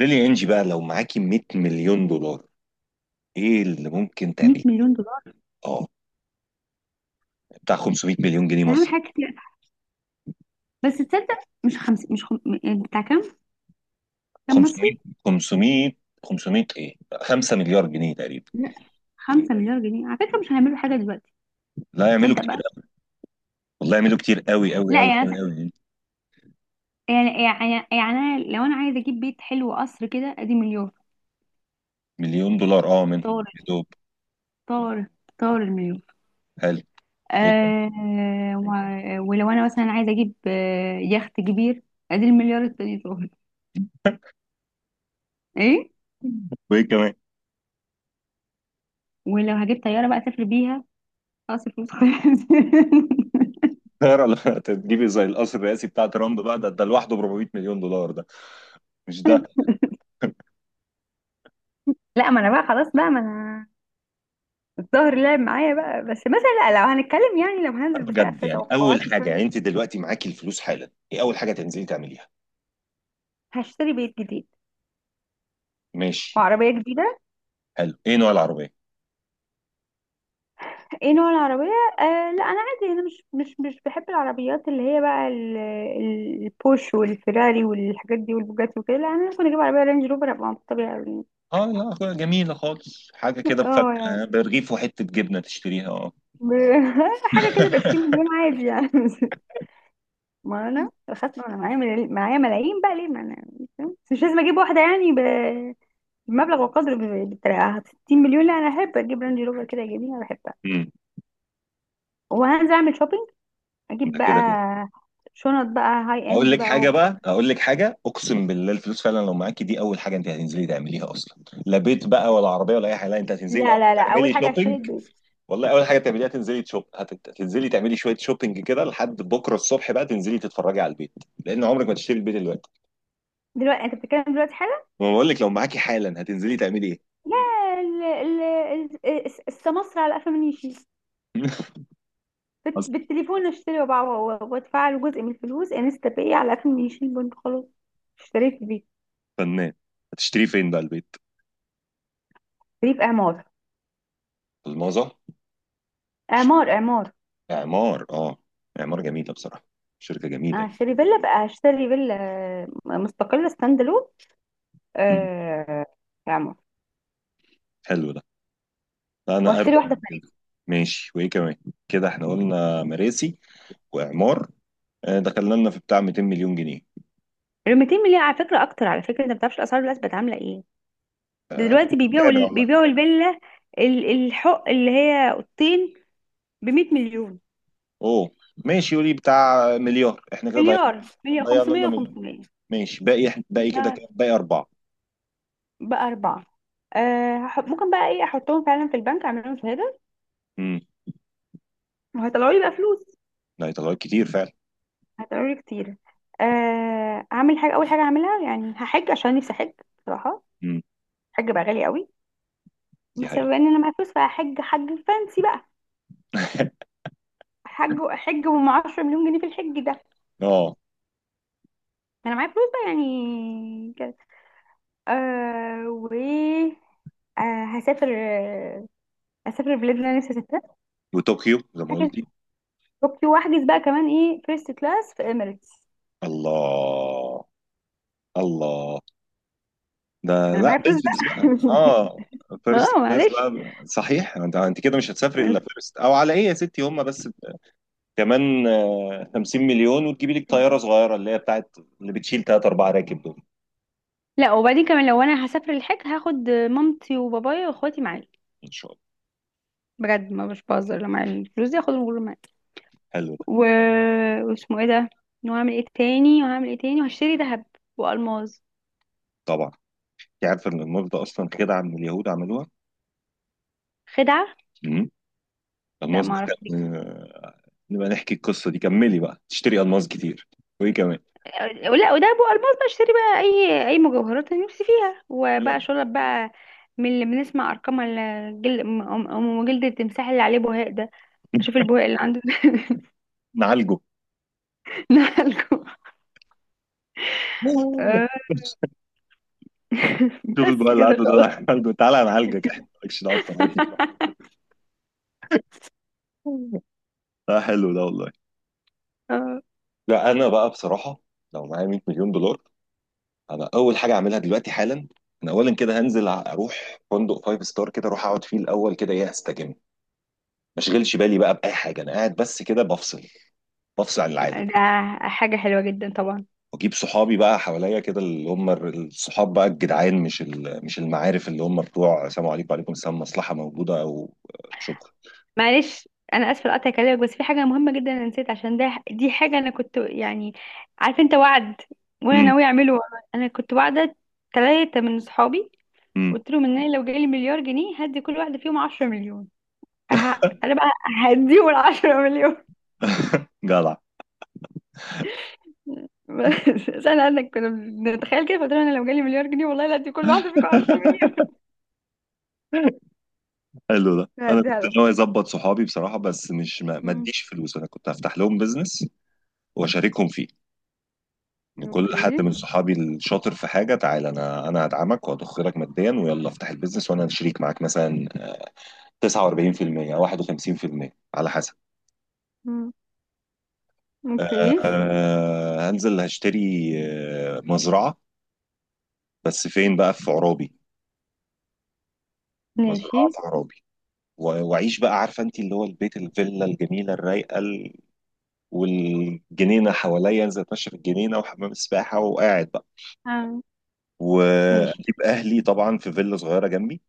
ليلي، انجي بقى لو معاكي 100 مليون دولار، ايه اللي ممكن تعمليه؟ 100 مليون دولار. اه، بتاع 500 مليون جنيه ده هعمل مصر. حاجات كتير، بس تصدق؟ مش خمس مش خم... م- بتاع كام؟ كام 500، مصري؟ 500، 500 ايه؟ 5 مليار جنيه تقريبا. لا، 5 مليار جنيه على فكرة مش هيعملوا حاجة دلوقتي. لا، يعملوا تصدق كتير بقى؟ أوي. والله يعملوا كتير قوي قوي لا، قوي قوي قوي. يعني أنا لو انا عايزة اجيب بيت حلو، قصر كده، ادي مليون. مليون دولار اه منهم طار يا دوب. طار طار المليون. حلو. ايه كمان؟ آه و... ولو انا مثلا عايزة اجيب يخت كبير، ادي المليار التاني طار. ايه؟ وايه كمان؟ ولو هجيب طيارة بقى اسافر بيها، خلاص الفلوس خلصت. طيارة لا تجيبي، زي القصر الرئاسي بتاع ترامب بقى، ده لوحده ب 400 مليون دولار ده. مش ده. لا، ما انا بقى خلاص، بقى ما انا الظهر لعب معايا بقى، بس مثلا لا، لو هنتكلم، يعني لو هننزل بجد بسقف يعني، اول توقعاتي حاجه يعني، شوية. انت دلوقتي معاكي الفلوس حالا، ايه اول حاجه تنزلي تعمليها؟ هشتري بيت جديد، ماشي. وعربية جديدة. حلو. ايه نوع العربيه؟ ايه نوع العربية؟ آه لا، انا عادي، انا مش بحب العربيات اللي هي بقى البوش والفيراري والحاجات دي والبوجاتي وكده. لا، انا ممكن اجيب عربية رينج روفر ابقى مبسوطة بيها أوي يعني. اه، لا جميلة خالص، حاجة كده اه يعني بفكة برغيف وحتة جبنة تشتريها، اه. ب- حاجة كده ب 20 مليون عادي يعني. ما انا خدت، انا معايا معايا ملايين بقى، ليه؟ ما انا مش لازم اجيب واحدة يعني مبلغ وقدر بالطريقة 60 مليون. لا، انا احب اجيب رانج روفر كده جميل، انا بحبها. امم وهنزل اعمل شوبينج، اجيب ده بقى كده كده. شنط بقى هاي اقول اند لك بقى حاجة و... بقى اقول لك حاجة اقسم بالله الفلوس فعلا لو معاكي دي، اول حاجة انت هتنزلي تعمليها اصلا، لا بيت بقى ولا عربية ولا اي حاجة، لا، انت هتنزلي لا الاول لا لا اول تعملي حاجة هشتري شوبينج. البيت. والله اول حاجة تعمليها تنزلي تشوب، هتنزلي تعملي شوية شوبينج كده لحد بكرة الصبح، بقى تنزلي تتفرجي على البيت. لان عمرك ما تشتري البيت دلوقتي. دلوقتي؟ انت بتتكلم دلوقتي حالا؟ ما بقول لك لو معاكي حالا هتنزلي تعملي ايه؟ لا. ال... ال... السمسرة على قفا من يشيل. أصل. بالتليفون اشتري، وادفع له جزء من الفلوس انستا باي، على قفا من يشيل، بنت خلاص اشتريت بيت. فنان. هتشتري فين بقى البيت؟ اشتريت عمار. الماظة. عمار. اعمار. اه، اعمار جميله بصراحه، شركه جميله يعني. هشتري فيلا بقى، هشتري فيلا مستقلة ستاند. مم. آه. يا عمر، حلو ده. لا، انا واشتري اروق واحده من ثانيه. كده. ماشي. وايه كمان؟ كده احنا قلنا مراسي واعمار، آه، دخلنا لنا في بتاع 200 مليون جنيه. ال 200 مليون على فكره اكتر، على فكره انت ما بتعرفش الاسعار دلوقتي بقت عامله ايه. ده دلوقتي بيبيعوا متابع والله. بيبيعوا الفيلا، الحق اللي هي اوضتين، ب 100 مليون. اوه. ماشي، قولي بتاع مليار، احنا كده ضيعنا. مليار؟ مليار ضيعنا لنا 500 مليون. و500. ماشي، باقي باقي ده كده كام؟ باقي اربعه. بقى اربعه. آه ممكن بقى ايه، احطهم فعلا في البنك، اعمل لهم شهاده امم. وهيطلعوا لي بقى فلوس. لا، يطلعوا كتير فعلا. هيطلعوا لي كتير. آه، اعمل حاجه، اول حاجه اعملها يعني هحج، عشان نفسي احج بصراحه. امم. الحج بقى غالي قوي، دي بس حقيقه. بما ان انا معايا فلوس فهحج حج فانسي بقى. حج، وما 10 مليون جنيه في الحج ده، ما اه، انا معايا فلوس بقى يعني كده. آه و آه هسافر، آه هسافر البلاد اللي انا نفسي اسافرها. وطوكيو زي ما هحجز، قلتي. اوكي واحجز بقى كمان ايه، فيرست كلاس في اميريتس. الله. الله. ده انا لا معايا فلوس بزبز بقى بقى. اه. فيرست اه كلاس معلش. بقى، صحيح. انت كده مش هتسافري الا فيرست او على ايه يا ستي، هم بس كمان آه، 50 مليون وتجيبي لك طياره صغيره اللي هي بتاعت اللي بتشيل ثلاث اربع راكب دول. لا، وبعدين كمان لو انا هسافر الحج هاخد مامتي وبابايا واخواتي معايا. ان شاء الله. بجد، ما مش بهزر، لو معايا الفلوس دي هاخدهم كلهم معايا. حلو ده. و... واسمه ايه ده، وهعمل ايه تاني وهشتري ذهب والماظ. طبعا. انت عارفه ان الموز ده اصلا كده عم اليهود عملوها؟ خدعة؟ امم. لا، الماس ما ده اعرفش دي. كان آه، نبقى نحكي القصه دي. كملي بقى، تشتري الماس كتير. وايه كمان؟ أه، لا وده ابو الماس بقى، اشتري بقى اي مجوهرات انا نفسي فيها، وبقى شرب بقى من اللي بنسمع ارقام الجل... ام أم جلد التمساح اللي عليه بهاق ده، اشوف البهاق اللي عنده. نعالجه. نقلكم. آه، شوف بس بقى اللي كده عنده ده، خلاص. نعالجه، تعالى نعالجك. احنا مالكش دعوه بطريقتنا. لا، حلو ده والله. آه، لا، انا بقى بصراحه، لو معايا 100 مليون دولار، انا اول حاجه اعملها دلوقتي حالا، انا اولا كده هنزل اروح فندق فايف ستار كده، اروح اقعد فيه الاول كده، ايه استجم، ما اشغلش بالي بقى باي حاجه، انا قاعد بس كده بفصل، بفصل عن العالم. ده حاجه حلوه جدا طبعا. واجيب صحابي بقى حواليا كده، اللي هم الصحاب بقى الجدعان، مش المعارف اللي هم بتوع سلام عليكم وعليكم السلام مصلحه موجوده او شكرا. معلش انا اسفه لقطع كلامك، بس في حاجه مهمه جدا انا نسيت عشان ده، دي حاجه انا كنت يعني، عارف، انت وعد، وانا امم. ناويه اعمله والله. انا كنت وعده ثلاثه من صحابي، امم. قلت لهم ان انا لو جالي مليار جنيه هدي كل واحده فيهم 10 مليون. انا بقى هديهم ال 10 مليون. جدع. بس انا كنا بنتخيل كده، فقلت لهم انا لو جالي مليار جنيه والله لا هدي كل واحده فيكم 10 مليون. حلو ده. انا كنت هديها لهم. ناوي اظبط صحابي بصراحه، بس مش ما مم. اديش فلوس، انا كنت هفتح لهم بزنس واشاركهم فيه. ان كل حد اوكي. من صحابي الشاطر في حاجه، تعالى انا هدعمك وهضخ لك ماديا، ويلا افتح البيزنس وانا شريك معاك مثلا 49% او 51% على حسب. مم. اوكي. أه، هنزل هشتري آه، مزرعه، بس فين؟ بقى في عرابي، ماشي. مزرعه في عرابي. واعيش بقى، عارفه انت اللي هو البيت الفيلا الجميله الرايقه والجنينه حواليا، انزل اتمشى في الجنينه وحمام السباحه وقاعد بقى. آه. واجيب ماشي. اهلي طبعا في فيلا صغيره جنبي،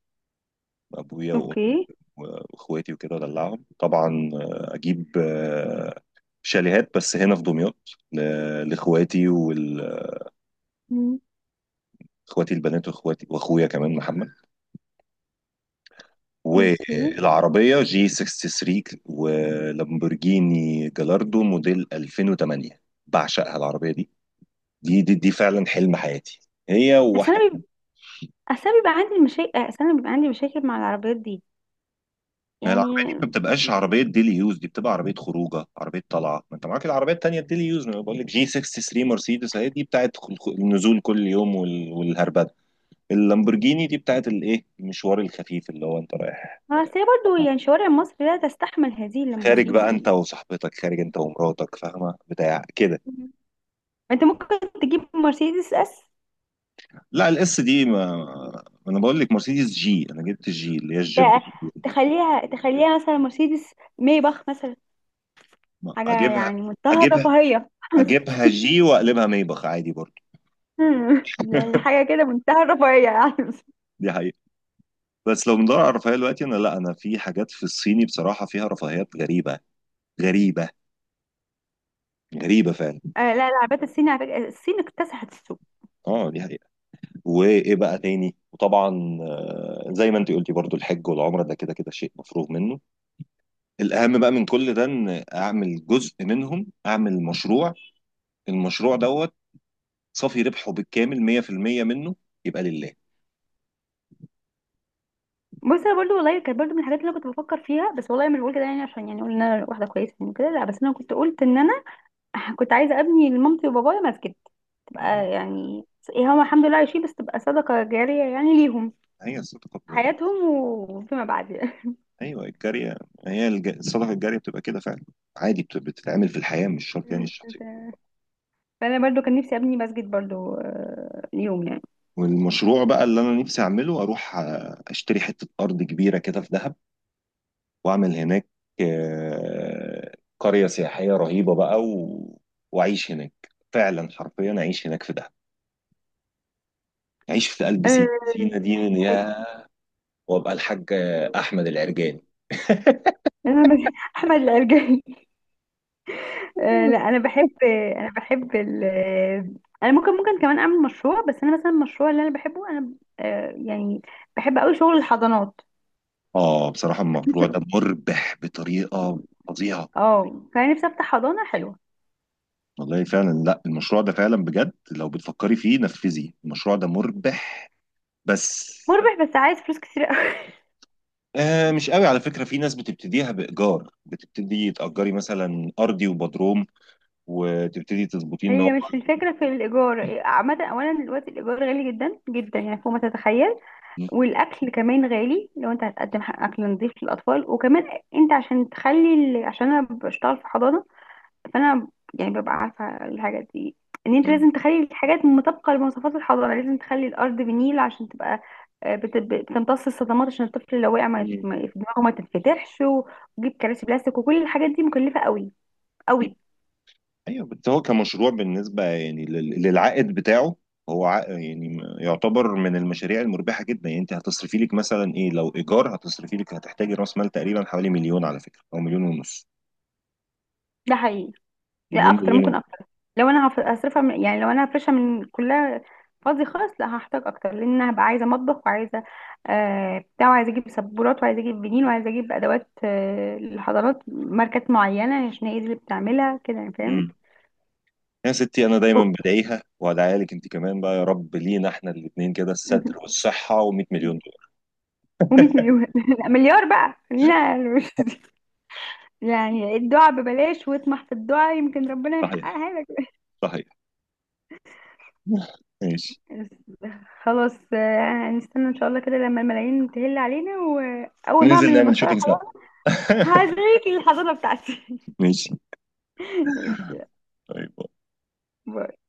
ابويا وامي اوكي. واخواتي وكده، ادلعهم طبعا آه، اجيب آه، شاليهات بس هنا في دمياط لاخواتي، واخواتي مم. البنات، واخواتي واخويا كمان محمد. اوكي. والعربيه جي 63 ولامبورجيني جلاردو موديل 2008، بعشقها العربيه دي. دي فعلا حلم حياتي، هي اصل وواحده. انا بيب... اصل أنا بيبقى عندي مشاكل، مع العربيات دي ما العربية دي يعني. ما بتبقاش عربية ديلي يوز، دي بتبقى عربية خروجة، عربية طلعة. ما انت معاك العربية التانية الديلي يوز، ما بقول لك جي 63 مرسيدس، اهي دي بتاعت النزول كل يوم، والهربدة. اللامبورجيني دي بتاعت الايه، المشوار الخفيف اللي هو انت رايح آه، اصل هي برضه يعني شوارع مصر لا تستحمل هذه خارج بقى اللامبورجيني. انت وصاحبتك، خارج انت ومراتك، فاهمة بتاع كده. انت ممكن تجيب مرسيدس اس. لا، الاس دي ما، ما انا بقول لك مرسيدس جي، انا جبت الجي اللي هي الجيب. ت- تخليها تخليها مثلا مرسيدس مايباخ مثلا، حاجة اجيبها، يعني منتهى اجيبها، الرفاهية. اجيبها جي واقلبها ميبخ عادي برضه. يعني حاجة كده منتهى الرفاهية. يعني دي حقيقة. بس لو بندور على الرفاهيه دلوقتي انا، لا انا في حاجات في الصيني بصراحه فيها رفاهيات غريبه، غريبه، غريبه فعلا. آه لا، العربيات الصيني على فكرة، الصين اكتسحت السوق. اه دي حقيقه. وايه بقى تاني؟ وطبعا آه، زي ما انت قلتي برضو، الحج والعمره ده كده كده شيء مفروغ منه. الاهم بقى من كل ده ان اعمل جزء منهم، اعمل مشروع، المشروع دوت صافي ربحه بالكامل 100% منه يبقى لله. بص انا برضو والله كانت برضو من الحاجات اللي انا كنت بفكر فيها، بس والله مش بقول كده يعني عشان يعني اقول ان انا واحدة كويسة يعني كده لا، بس انا كنت قلت ان انا كنت عايزة ابني لمامتي وبابايا مسجد، تبقى يعني، هم الحمد لله عايشين، بس تبقى صدقة جارية يعني ليهم هي الصدقة في حياتهم وفيما بعد يعني. أيوه، الجارية. هي الصدقة الجارية بتبقى كده فعلا، عادي بتتعمل في الحياة، مش شرط يعني الشخصية. تمام. فانا برضو كان نفسي ابني مسجد برضو، آه، يوم يعني. والمشروع بقى اللي أنا نفسي أعمله، أروح آه، أشتري حتة أرض كبيرة كده في دهب، وأعمل هناك آه، قرية سياحية رهيبة بقى وأعيش هناك، فعلا حرفيا أعيش هناك في دهب. عيش في قلب سينا، سينا آه، دي من حلو. يا، وابقى الحاج احمد العرجاني. انا مس- احمد العرجاني. آه، لا انا بحب، انا بحب ال انا ممكن، ممكن كمان اعمل مشروع، بس انا مثلا المشروع اللي انا بحبه انا، آه، يعني، بحب قوي شغل الحضانات. اه بصراحة المشروع ده مربح بطريقة فظيعة. اه، فانا نفسي افتح حضانه حلوه. والله فعلا، لا المشروع ده فعلا بجد لو بتفكري فيه نفذي، المشروع ده مربح بس. مربح، بس عايز فلوس كتير قوي. آه، مش قوي على فكرة، في ناس بتبتديها بإيجار، بتبتدي تأجري مثلا أرضي وبدروم وتبتدي تظبطيه إن. هي مش الفكره في الايجار عامه، اولا دلوقتي الايجار غالي جدا يعني فوق ما تتخيل. والاكل كمان غالي، لو انت هتقدم اكل نظيف للاطفال. وكمان انت عشان تخلي عشان انا بشتغل في حضانه، فانا يعني ببقى عارفه الحاجات دي، ان انت لازم تخلي الحاجات مطابقه لمواصفات الحضانه، لازم تخلي الارض بنيل عشان تبقى آه، بتمتص الصدمات، عشان الطفل لو وقع ما هو، دماغه ما تتفتحش، وجيب كراسي بلاستيك، وكل الحاجات دي مكلفه قوي. ايوه، بس هو كمشروع بالنسبه يعني للعائد بتاعه، هو عائد يعني، يعتبر من المشاريع المربحه جدا يعني، انت هتصرفي لك مثلا ايه، لو ايجار هتصرفي لك هتحتاجي راس مال تقريبا حوالي مليون على فكره او مليون ونص. ده حقيقي. لا، مليون، اكتر، مليون ممكن ونص. اكتر. لو انا هصرفها من، يعني لو انا هفرشها من كلها فاضي خالص، لا هحتاج اكتر، لان انا هبقى عايزه مطبخ، وعايزه آه بتاع، وعايزه اجيب سبورات، وعايزه اجيب بنين، وعايزه اجيب ادوات آه للحضانات ماركات معينه، عشان هي دي اللي بتعملها كده يعني، فاهم؟ امم. يا ستي، انا دايما بدعيها وادعيها لك انت كمان بقى، يا رب لينا احنا الاثنين كده الستر والصحه و100 مليون دولار. و100 مليون. لا، مليار بقى، خلينا يعني الدعاء ببلاش، واطمح في الدعاء، يمكن ربنا صحيح. يحققها لك. صحيح. ماشي. خلاص آه، هنستنى ان شاء الله كده لما الملايين تهل علينا. واول ما ننزل اعمل نعمل المشروع شوبينج سوا. هوريكي الحضانة بتاعتي. ماشي. طيب. ماشي.